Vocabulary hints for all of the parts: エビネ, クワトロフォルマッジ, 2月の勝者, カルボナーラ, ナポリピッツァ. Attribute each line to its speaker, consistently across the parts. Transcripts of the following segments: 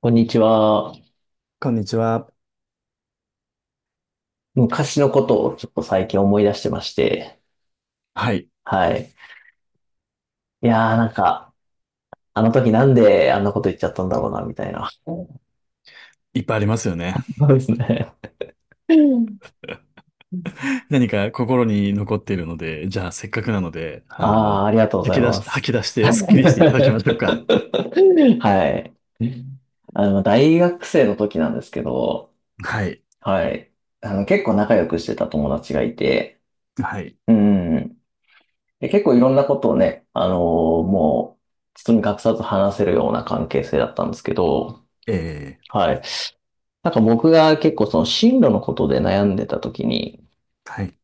Speaker 1: こんにちは。
Speaker 2: こんにちは。
Speaker 1: 昔のことをちょっと最近思い出してまして。
Speaker 2: はい。
Speaker 1: はい。いやーなんか、あの時なんであんなこと言っちゃったんだろうな、みたいな。そ
Speaker 2: いっぱいありますよね。
Speaker 1: うですね。
Speaker 2: 何か心に残っているので、じゃあせっかくなので、
Speaker 1: ああ、ありがとうございます。
Speaker 2: 吐き出して スッキリしていただきましょうか。
Speaker 1: はい。大学生の時なんですけど、
Speaker 2: はい。
Speaker 1: はい。結構仲良くしてた友達がいて、
Speaker 2: はい。
Speaker 1: うん。で、結構いろんなことをね、もう、包み隠さず話せるような関係性だったんですけど、
Speaker 2: え
Speaker 1: はい。なんか僕が結構その進路のことで悩んでた時に、
Speaker 2: はい。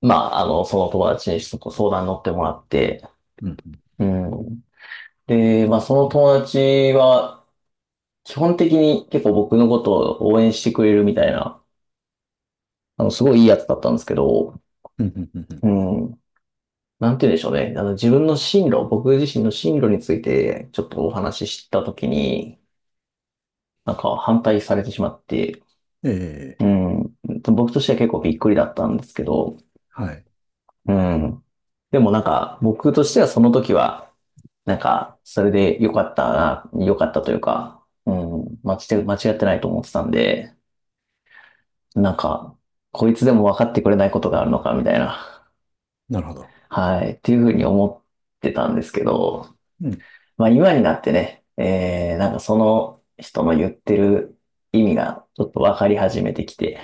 Speaker 1: その友達にそこ相談に乗ってもらって、
Speaker 2: うん、
Speaker 1: うん。で、まあ、その友達は、基本的に結構僕のことを応援してくれるみたいな、すごいいいやつだったんですけど、
Speaker 2: うん、うん、うん、
Speaker 1: うん。なんて言うんでしょうね。あの、自分の進路、僕自身の進路について、ちょっとお話しした時に、なんか反対されてしまって、
Speaker 2: え
Speaker 1: うん。僕としては結構びっくりだったんですけど、
Speaker 2: はい。
Speaker 1: うん。でもなんか、僕としてはその時は、なんか、それで良かったな、良かったというか、うん、間違ってないと思ってたんで、なんか、こいつでも分かってくれないことがあるのか、みたいな、
Speaker 2: なるほど。
Speaker 1: はい、っていうふうに思ってたんですけど、
Speaker 2: うん、
Speaker 1: まあ今になってね、なんかその人の言ってる意味がちょっと分かり始めてきて、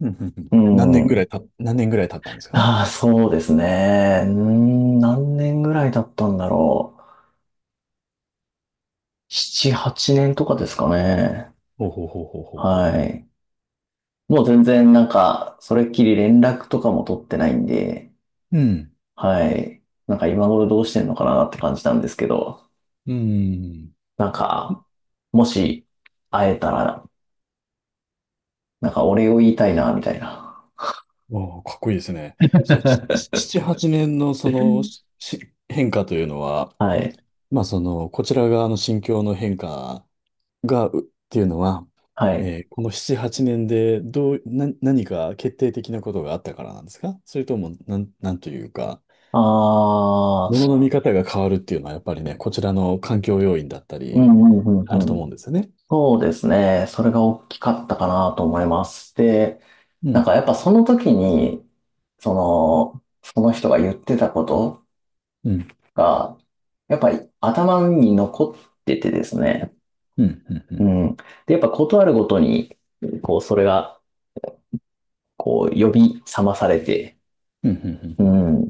Speaker 2: うん、うん、う
Speaker 1: う
Speaker 2: ん。
Speaker 1: ん、
Speaker 2: 何年ぐらい経ったんですか？
Speaker 1: ああ、そうですね、何年ぐらいだったんだろう。7、8年とかですかね。
Speaker 2: ほうほうほうほうほうほ
Speaker 1: はい。もう全然なんか、それっきり連絡とかも取ってないんで、
Speaker 2: う。うん。
Speaker 1: はい。なんか今頃どうしてんのかなって感じなんですけど、
Speaker 2: うん。
Speaker 1: なんか、もし会えたら、なんかお礼を言いたいな、みたいな。
Speaker 2: わあ、かっこいいですね。そ、しし 七、八年のその変化というのは、
Speaker 1: はい。
Speaker 2: まあ、その、こちら側の心境の変化が、っていうのは、
Speaker 1: はい。
Speaker 2: この7、8年でどう、な、何か決定的なことがあったからなんですか？それとも、なんというか、
Speaker 1: あ
Speaker 2: もの
Speaker 1: ー、
Speaker 2: の見方が変わるっていうのは、やっぱりね、こちらの環境要因だった
Speaker 1: う
Speaker 2: り、
Speaker 1: んうんう
Speaker 2: ある
Speaker 1: ん
Speaker 2: と
Speaker 1: うん。
Speaker 2: 思うんですよね。
Speaker 1: そうですね。それが大きかったかなと思います。で、
Speaker 2: う
Speaker 1: なんか
Speaker 2: ん、
Speaker 1: やっぱその時に、その、その人が言ってたこと
Speaker 2: うん、
Speaker 1: が、やっぱり頭に残っててですね。
Speaker 2: うん、うん、う
Speaker 1: う
Speaker 2: ん、
Speaker 1: ん。で、やっぱことあるごとに、こう、それが、こう、呼び覚まされて、
Speaker 2: うん、うん、
Speaker 1: う
Speaker 2: うん。
Speaker 1: ん。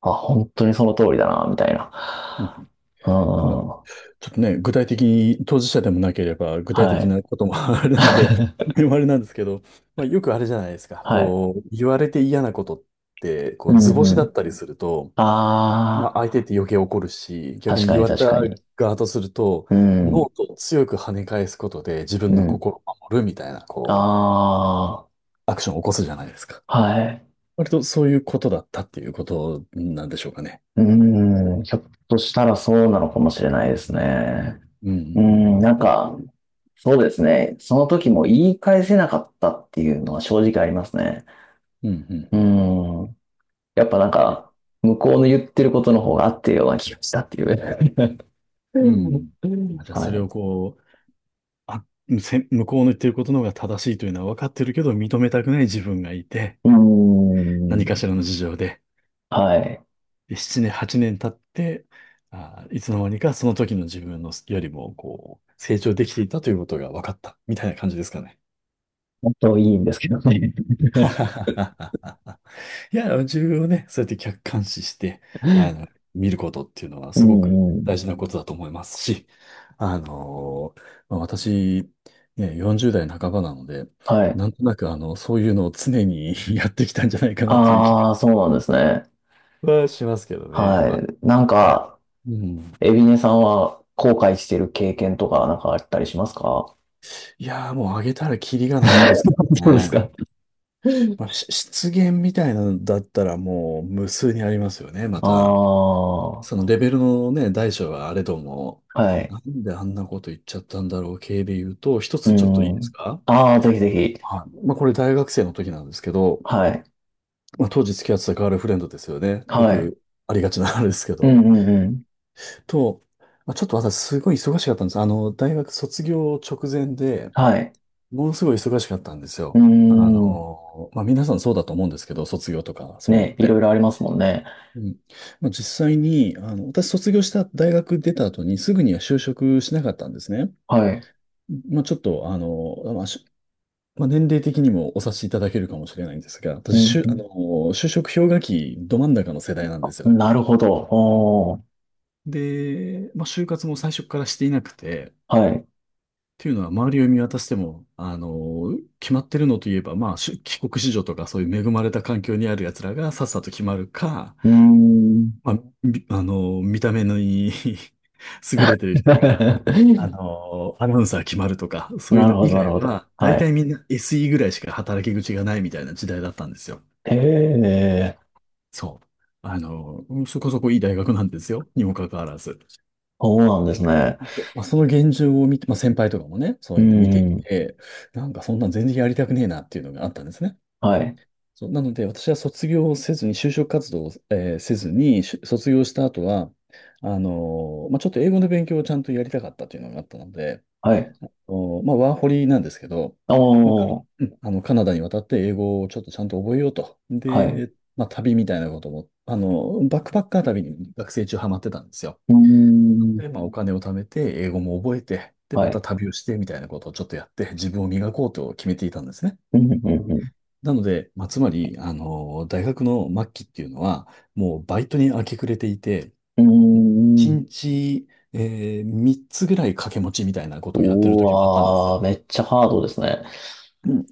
Speaker 1: あ、本当にその通りだな、みたいな。
Speaker 2: うん
Speaker 1: う
Speaker 2: まあ、
Speaker 1: ん。
Speaker 2: ちょっとね、具体的に当事者でもなければ、具体
Speaker 1: は
Speaker 2: 的
Speaker 1: い。
Speaker 2: なことも あれなので、あれなんですけど、まあ、よくあれじゃないですか。
Speaker 1: はい。
Speaker 2: こう、言われて嫌なことって、こ
Speaker 1: う
Speaker 2: う、図
Speaker 1: んう
Speaker 2: 星だ
Speaker 1: ん。
Speaker 2: ったりすると、まあ、
Speaker 1: あ
Speaker 2: 相手って余計怒るし、
Speaker 1: あ、
Speaker 2: 逆
Speaker 1: 確
Speaker 2: に
Speaker 1: か
Speaker 2: 言
Speaker 1: に
Speaker 2: われた
Speaker 1: 確かに。
Speaker 2: 側とすると、
Speaker 1: う
Speaker 2: ノー
Speaker 1: ん。
Speaker 2: トを強く跳ね返すことで自分
Speaker 1: う
Speaker 2: の
Speaker 1: ん
Speaker 2: 心を守るみたいな、
Speaker 1: あ
Speaker 2: こう、アクションを起こすじゃないですか。
Speaker 1: あ、はい。
Speaker 2: 割とそういうことだったっていうことなんでしょうかね。
Speaker 1: うん、ひょっとしたらそうなのかもしれないですね。
Speaker 2: う
Speaker 1: う
Speaker 2: ん、う
Speaker 1: ん、
Speaker 2: ん、
Speaker 1: なんか、そうですね。その時も言い返せなかったっていうのは正直ありますね。
Speaker 2: うん、うん、う
Speaker 1: う
Speaker 2: ん、
Speaker 1: ん、やっぱなん
Speaker 2: うん。
Speaker 1: か、向こうの言ってることの方が合ってるような気がしたっていう。う
Speaker 2: う
Speaker 1: ん
Speaker 2: ん。
Speaker 1: う
Speaker 2: まあ
Speaker 1: ん
Speaker 2: じゃあ、
Speaker 1: は
Speaker 2: それ
Speaker 1: い。
Speaker 2: をこう、あ、向こうの言ってることの方が正しいというのは分かってるけど、認めたくない自分がいて、
Speaker 1: う
Speaker 2: 何か
Speaker 1: ん、
Speaker 2: しらの事情で、
Speaker 1: はい。
Speaker 2: で7年、8年経って、あ、いつの間にかその時の自分のよりも、こう、成長できていたということが分かった、みたいな感じですかね。
Speaker 1: 本当いいんですけどね。
Speaker 2: いや、自分をね、そうやって客観視して、あの、見ることっていうのは
Speaker 1: う
Speaker 2: すごく
Speaker 1: んうん。
Speaker 2: 大事なことだと思いますし、あのまあ私、ね、40代半ばなので、
Speaker 1: はい。
Speaker 2: なんとなく、そういうのを常に やってきたんじゃないかなという気が
Speaker 1: ああ、そうなんですね。
Speaker 2: はしますけどね。
Speaker 1: は
Speaker 2: まあ、
Speaker 1: い。なん
Speaker 2: が
Speaker 1: か、
Speaker 2: うん。
Speaker 1: エビネさんは後悔してる経験とかなんかあったりしますか？
Speaker 2: いやー、もうあげたらキリがないんですけど
Speaker 1: そうです
Speaker 2: ね。
Speaker 1: か。
Speaker 2: まあ、失言みたいなのだったらもう無数にありますよね、ま
Speaker 1: あ
Speaker 2: た。
Speaker 1: あ、は
Speaker 2: そのレベルのね、大小はあれども、な
Speaker 1: い。
Speaker 2: んであんなこと言っちゃったんだろう系で言うと、一
Speaker 1: う
Speaker 2: つちょっといいです
Speaker 1: ん。
Speaker 2: か？
Speaker 1: ああ、ぜひぜひ。
Speaker 2: はい。まあこれ大学生の時なんですけど、
Speaker 1: はい。
Speaker 2: まあ当時付き合ってたガールフレンドですよね。よ
Speaker 1: はい。
Speaker 2: くありがちなあれですけ
Speaker 1: うん
Speaker 2: ど。
Speaker 1: うんうん。
Speaker 2: と、まあ、ちょっと私すごい忙しかったんです。あの、大学卒業直前で、
Speaker 1: はい。
Speaker 2: ものすごい忙しかったんです
Speaker 1: うー
Speaker 2: よ。あ
Speaker 1: ん。
Speaker 2: の、まあ皆さんそうだと思うんですけど、卒業とかそういうのっ
Speaker 1: ね、いろ
Speaker 2: て。
Speaker 1: いろありますもんね。
Speaker 2: うん、まあ実際に、あの、私卒業した大学出た後にすぐには就職しなかったんですね。
Speaker 1: はい。
Speaker 2: まあちょっと、あの、まあ、まあ年齢的にもお察しいただけるかもしれないんですが、
Speaker 1: う
Speaker 2: 私、あの、
Speaker 1: ん、
Speaker 2: 就職氷河期ど真ん中の世代なんです
Speaker 1: う
Speaker 2: よ。
Speaker 1: んなるほど。おー。
Speaker 2: で、まあ就活も最初からしていなくて、
Speaker 1: はい。
Speaker 2: というのは周りを見渡しても、あの、決まってるのといえば、まあ、帰国子女とかそういう恵まれた環境にある奴らがさっさと決まるか、
Speaker 1: うーん。
Speaker 2: まあ、あの、見た目のいい 優れてる 人が、あの、アナウンサー決まるとか、そうい
Speaker 1: な
Speaker 2: う
Speaker 1: る
Speaker 2: の
Speaker 1: ほ
Speaker 2: 以
Speaker 1: ど、なる
Speaker 2: 外
Speaker 1: ほど。
Speaker 2: は、
Speaker 1: は
Speaker 2: 大
Speaker 1: い。
Speaker 2: 体みんな SE ぐらいしか働き口がないみたいな時代だったんですよ。
Speaker 1: へえ、
Speaker 2: そう。あの、そこそこいい大学なんですよ、にもかかわらず。
Speaker 1: そうなんですね。
Speaker 2: でまあ、その現状を見て、まあ、先輩とかもね、そ
Speaker 1: う
Speaker 2: う
Speaker 1: ー
Speaker 2: いうの見てい
Speaker 1: ん。
Speaker 2: て、なんかそんなん全然やりたくねえなっていうのがあったんですね。
Speaker 1: はい。
Speaker 2: そう、なので、私は卒業をせずに、就職活動を、せずに、卒業した後は、まあ、ちょっと英語の勉強をちゃんとやりたかったというのがあったので、
Speaker 1: はい。
Speaker 2: まあ、ワーホリなんですけど、
Speaker 1: お
Speaker 2: まあ、か
Speaker 1: ー、
Speaker 2: うんあの、カナダに渡って英語をちょっとちゃんと覚えようと。
Speaker 1: はい。う
Speaker 2: で、まあ、旅みたいなことも、あの、バックパッカー旅に学生中ハマってたんですよ。
Speaker 1: ーん、
Speaker 2: で、まあ、お金を貯めて、英語も覚えて、で、
Speaker 1: は
Speaker 2: また
Speaker 1: い。
Speaker 2: 旅をしてみたいなことをちょっとやって、自分を磨こうと決めていたんですね。
Speaker 1: うん、うん、う
Speaker 2: なので、まあ、つまり、あの、大学の末期っていうのは、もうバイトに明け暮れていて、
Speaker 1: ん。う
Speaker 2: 1
Speaker 1: ーん。
Speaker 2: 日、3つぐらい掛け持ちみたいなことをやってる
Speaker 1: う
Speaker 2: 時もあったんです
Speaker 1: わー、
Speaker 2: よ。
Speaker 1: めっちゃハードですね。
Speaker 2: うん。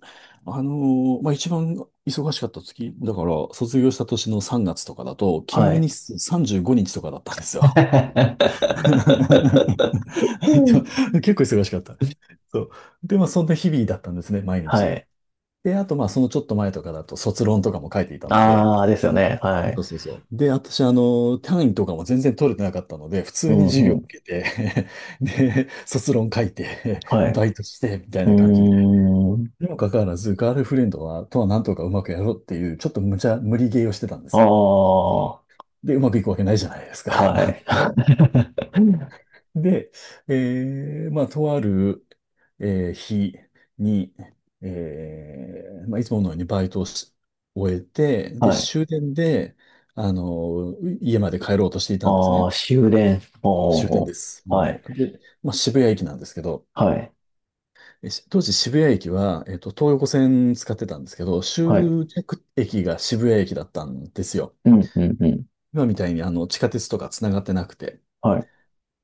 Speaker 2: あの、まあ、一番忙しかった月、だから、卒業した年の3月とかだと、勤
Speaker 1: は
Speaker 2: 務
Speaker 1: い。
Speaker 2: 日数35日とかだったんですよ。結
Speaker 1: うん
Speaker 2: 構忙しかった。そう。で、まあ、そんな日々だったんですね、毎
Speaker 1: は
Speaker 2: 日。
Speaker 1: い。
Speaker 2: で、あと、まあ、そのちょっと前とかだと、卒論とかも書いていたので、
Speaker 1: ああですよね。は
Speaker 2: そう
Speaker 1: い。
Speaker 2: そうそう。で、私、あの、単位とかも全然取れてなかったので、普
Speaker 1: う
Speaker 2: 通に
Speaker 1: ん、
Speaker 2: 授業
Speaker 1: う
Speaker 2: 受
Speaker 1: ん。
Speaker 2: けて で、卒論書いて
Speaker 1: はい。
Speaker 2: バイトして、みたい
Speaker 1: うー
Speaker 2: な感じで。
Speaker 1: ん。
Speaker 2: にもかかわらず、ガールフレンドは、とはなんとかうまくやろうっていう、ちょっと無理ゲーをしてたんですよ。
Speaker 1: ああ
Speaker 2: で、うまくいくわけないじゃないですか。
Speaker 1: はい。
Speaker 2: で、まあ、とある、日に、まあ、いつものようにバイトをし終えて、で、
Speaker 1: はい。
Speaker 2: 終電で、あの、家まで帰ろうとしていたんです
Speaker 1: あ
Speaker 2: ね。
Speaker 1: あ終電。
Speaker 2: 終点
Speaker 1: おー、
Speaker 2: です。
Speaker 1: はい。
Speaker 2: もう、で、まあ、渋谷駅なんですけど、
Speaker 1: はい。
Speaker 2: 当時渋谷駅は、東横線使ってたんですけど、
Speaker 1: はい。
Speaker 2: 終着駅が渋谷駅だったんですよ。
Speaker 1: うん、うん、うん。
Speaker 2: 今みたいに地下鉄とか繋がってなくて。
Speaker 1: はい。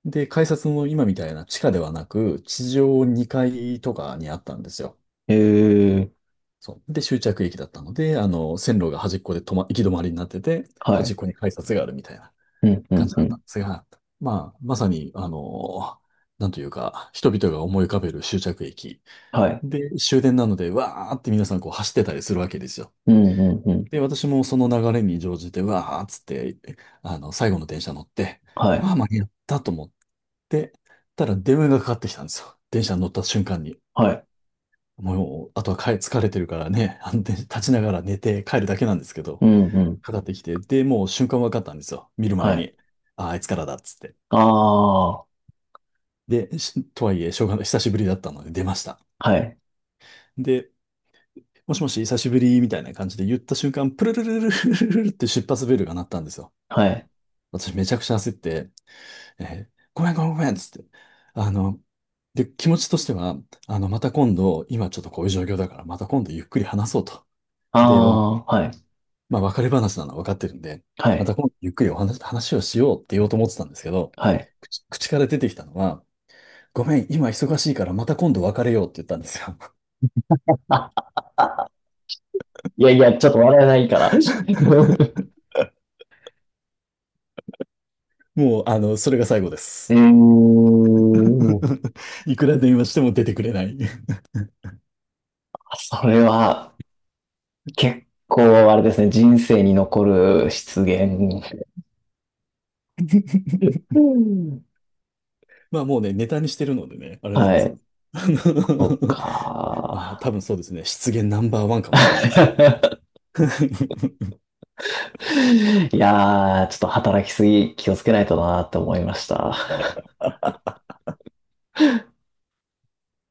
Speaker 2: で、改札も今みたいな地下ではなく、地上2階とかにあったんですよ。
Speaker 1: えー、
Speaker 2: そう。で、終着駅だったので、あの、線路が端っこで行き止まりになってて、
Speaker 1: は
Speaker 2: 端
Speaker 1: い。
Speaker 2: っこに改札があるみたいな
Speaker 1: うん、う
Speaker 2: 感
Speaker 1: ん、
Speaker 2: じ
Speaker 1: う
Speaker 2: だった
Speaker 1: ん。
Speaker 2: んですが、まあ、まさに、あの、なんというか、人々が思い浮かべる終着駅
Speaker 1: はい。
Speaker 2: で、終電なので、わーって皆さんこう走ってたりするわけですよ。
Speaker 1: うんうんうん。
Speaker 2: で、私もその流れに乗じて、わーっつって、あの、最後の電車乗って、
Speaker 1: はい。
Speaker 2: ああ、間に合ったと思ってたら電話がかかってきたんですよ。電車に乗った瞬間に。
Speaker 1: はい。
Speaker 2: もう、あとは疲れてるからね、あの、電車立ちながら寝て帰るだけなんですけ
Speaker 1: う
Speaker 2: ど、
Speaker 1: んうん。
Speaker 2: かかってきて、で、もう瞬間分かったんですよ。見る
Speaker 1: は
Speaker 2: 前
Speaker 1: い。
Speaker 2: に。ああ、あいつからだっつって。
Speaker 1: ああ。
Speaker 2: で、とはいえ、しょうがない。久しぶりだったので出ました。
Speaker 1: はい。
Speaker 2: で、もしもし、久しぶりみたいな感じで言った瞬間、プルルルルルルルルって出発ベルが鳴ったんですよ。
Speaker 1: はい。
Speaker 2: 私めちゃくちゃ焦って、えごめんごめんごめんっつって。あの、で、気持ちとしては、あの、また今度、今ちょっとこういう状況だから、また今度ゆっくり話そうと。
Speaker 1: あ
Speaker 2: で、
Speaker 1: あ。はい。
Speaker 2: まあ、別れ話なのは分かってるんで、
Speaker 1: は
Speaker 2: ま
Speaker 1: い。
Speaker 2: た今度ゆっくり話をしようって言おうと思ってたんですけど、
Speaker 1: はい。
Speaker 2: 口から出てきたのは、ごめん、今忙しいからまた今度別れようって言ったんですよ。
Speaker 1: いやいや、ちょっと笑えないから。
Speaker 2: もう、あの、それが最後で
Speaker 1: え
Speaker 2: す。
Speaker 1: ー、
Speaker 2: いくら電話しても出てくれない
Speaker 1: それは結構あれですね、人生に残る失言。うん
Speaker 2: まあもうね、ネタにしてるのでね、あれなん
Speaker 1: は
Speaker 2: ですけ
Speaker 1: い。
Speaker 2: ど。
Speaker 1: そっ
Speaker 2: まあ
Speaker 1: か。
Speaker 2: 多分そうですね、失言ナンバーワンかもしれないです。
Speaker 1: いやー、ちょっと働きすぎ気をつけないとなーって思いました。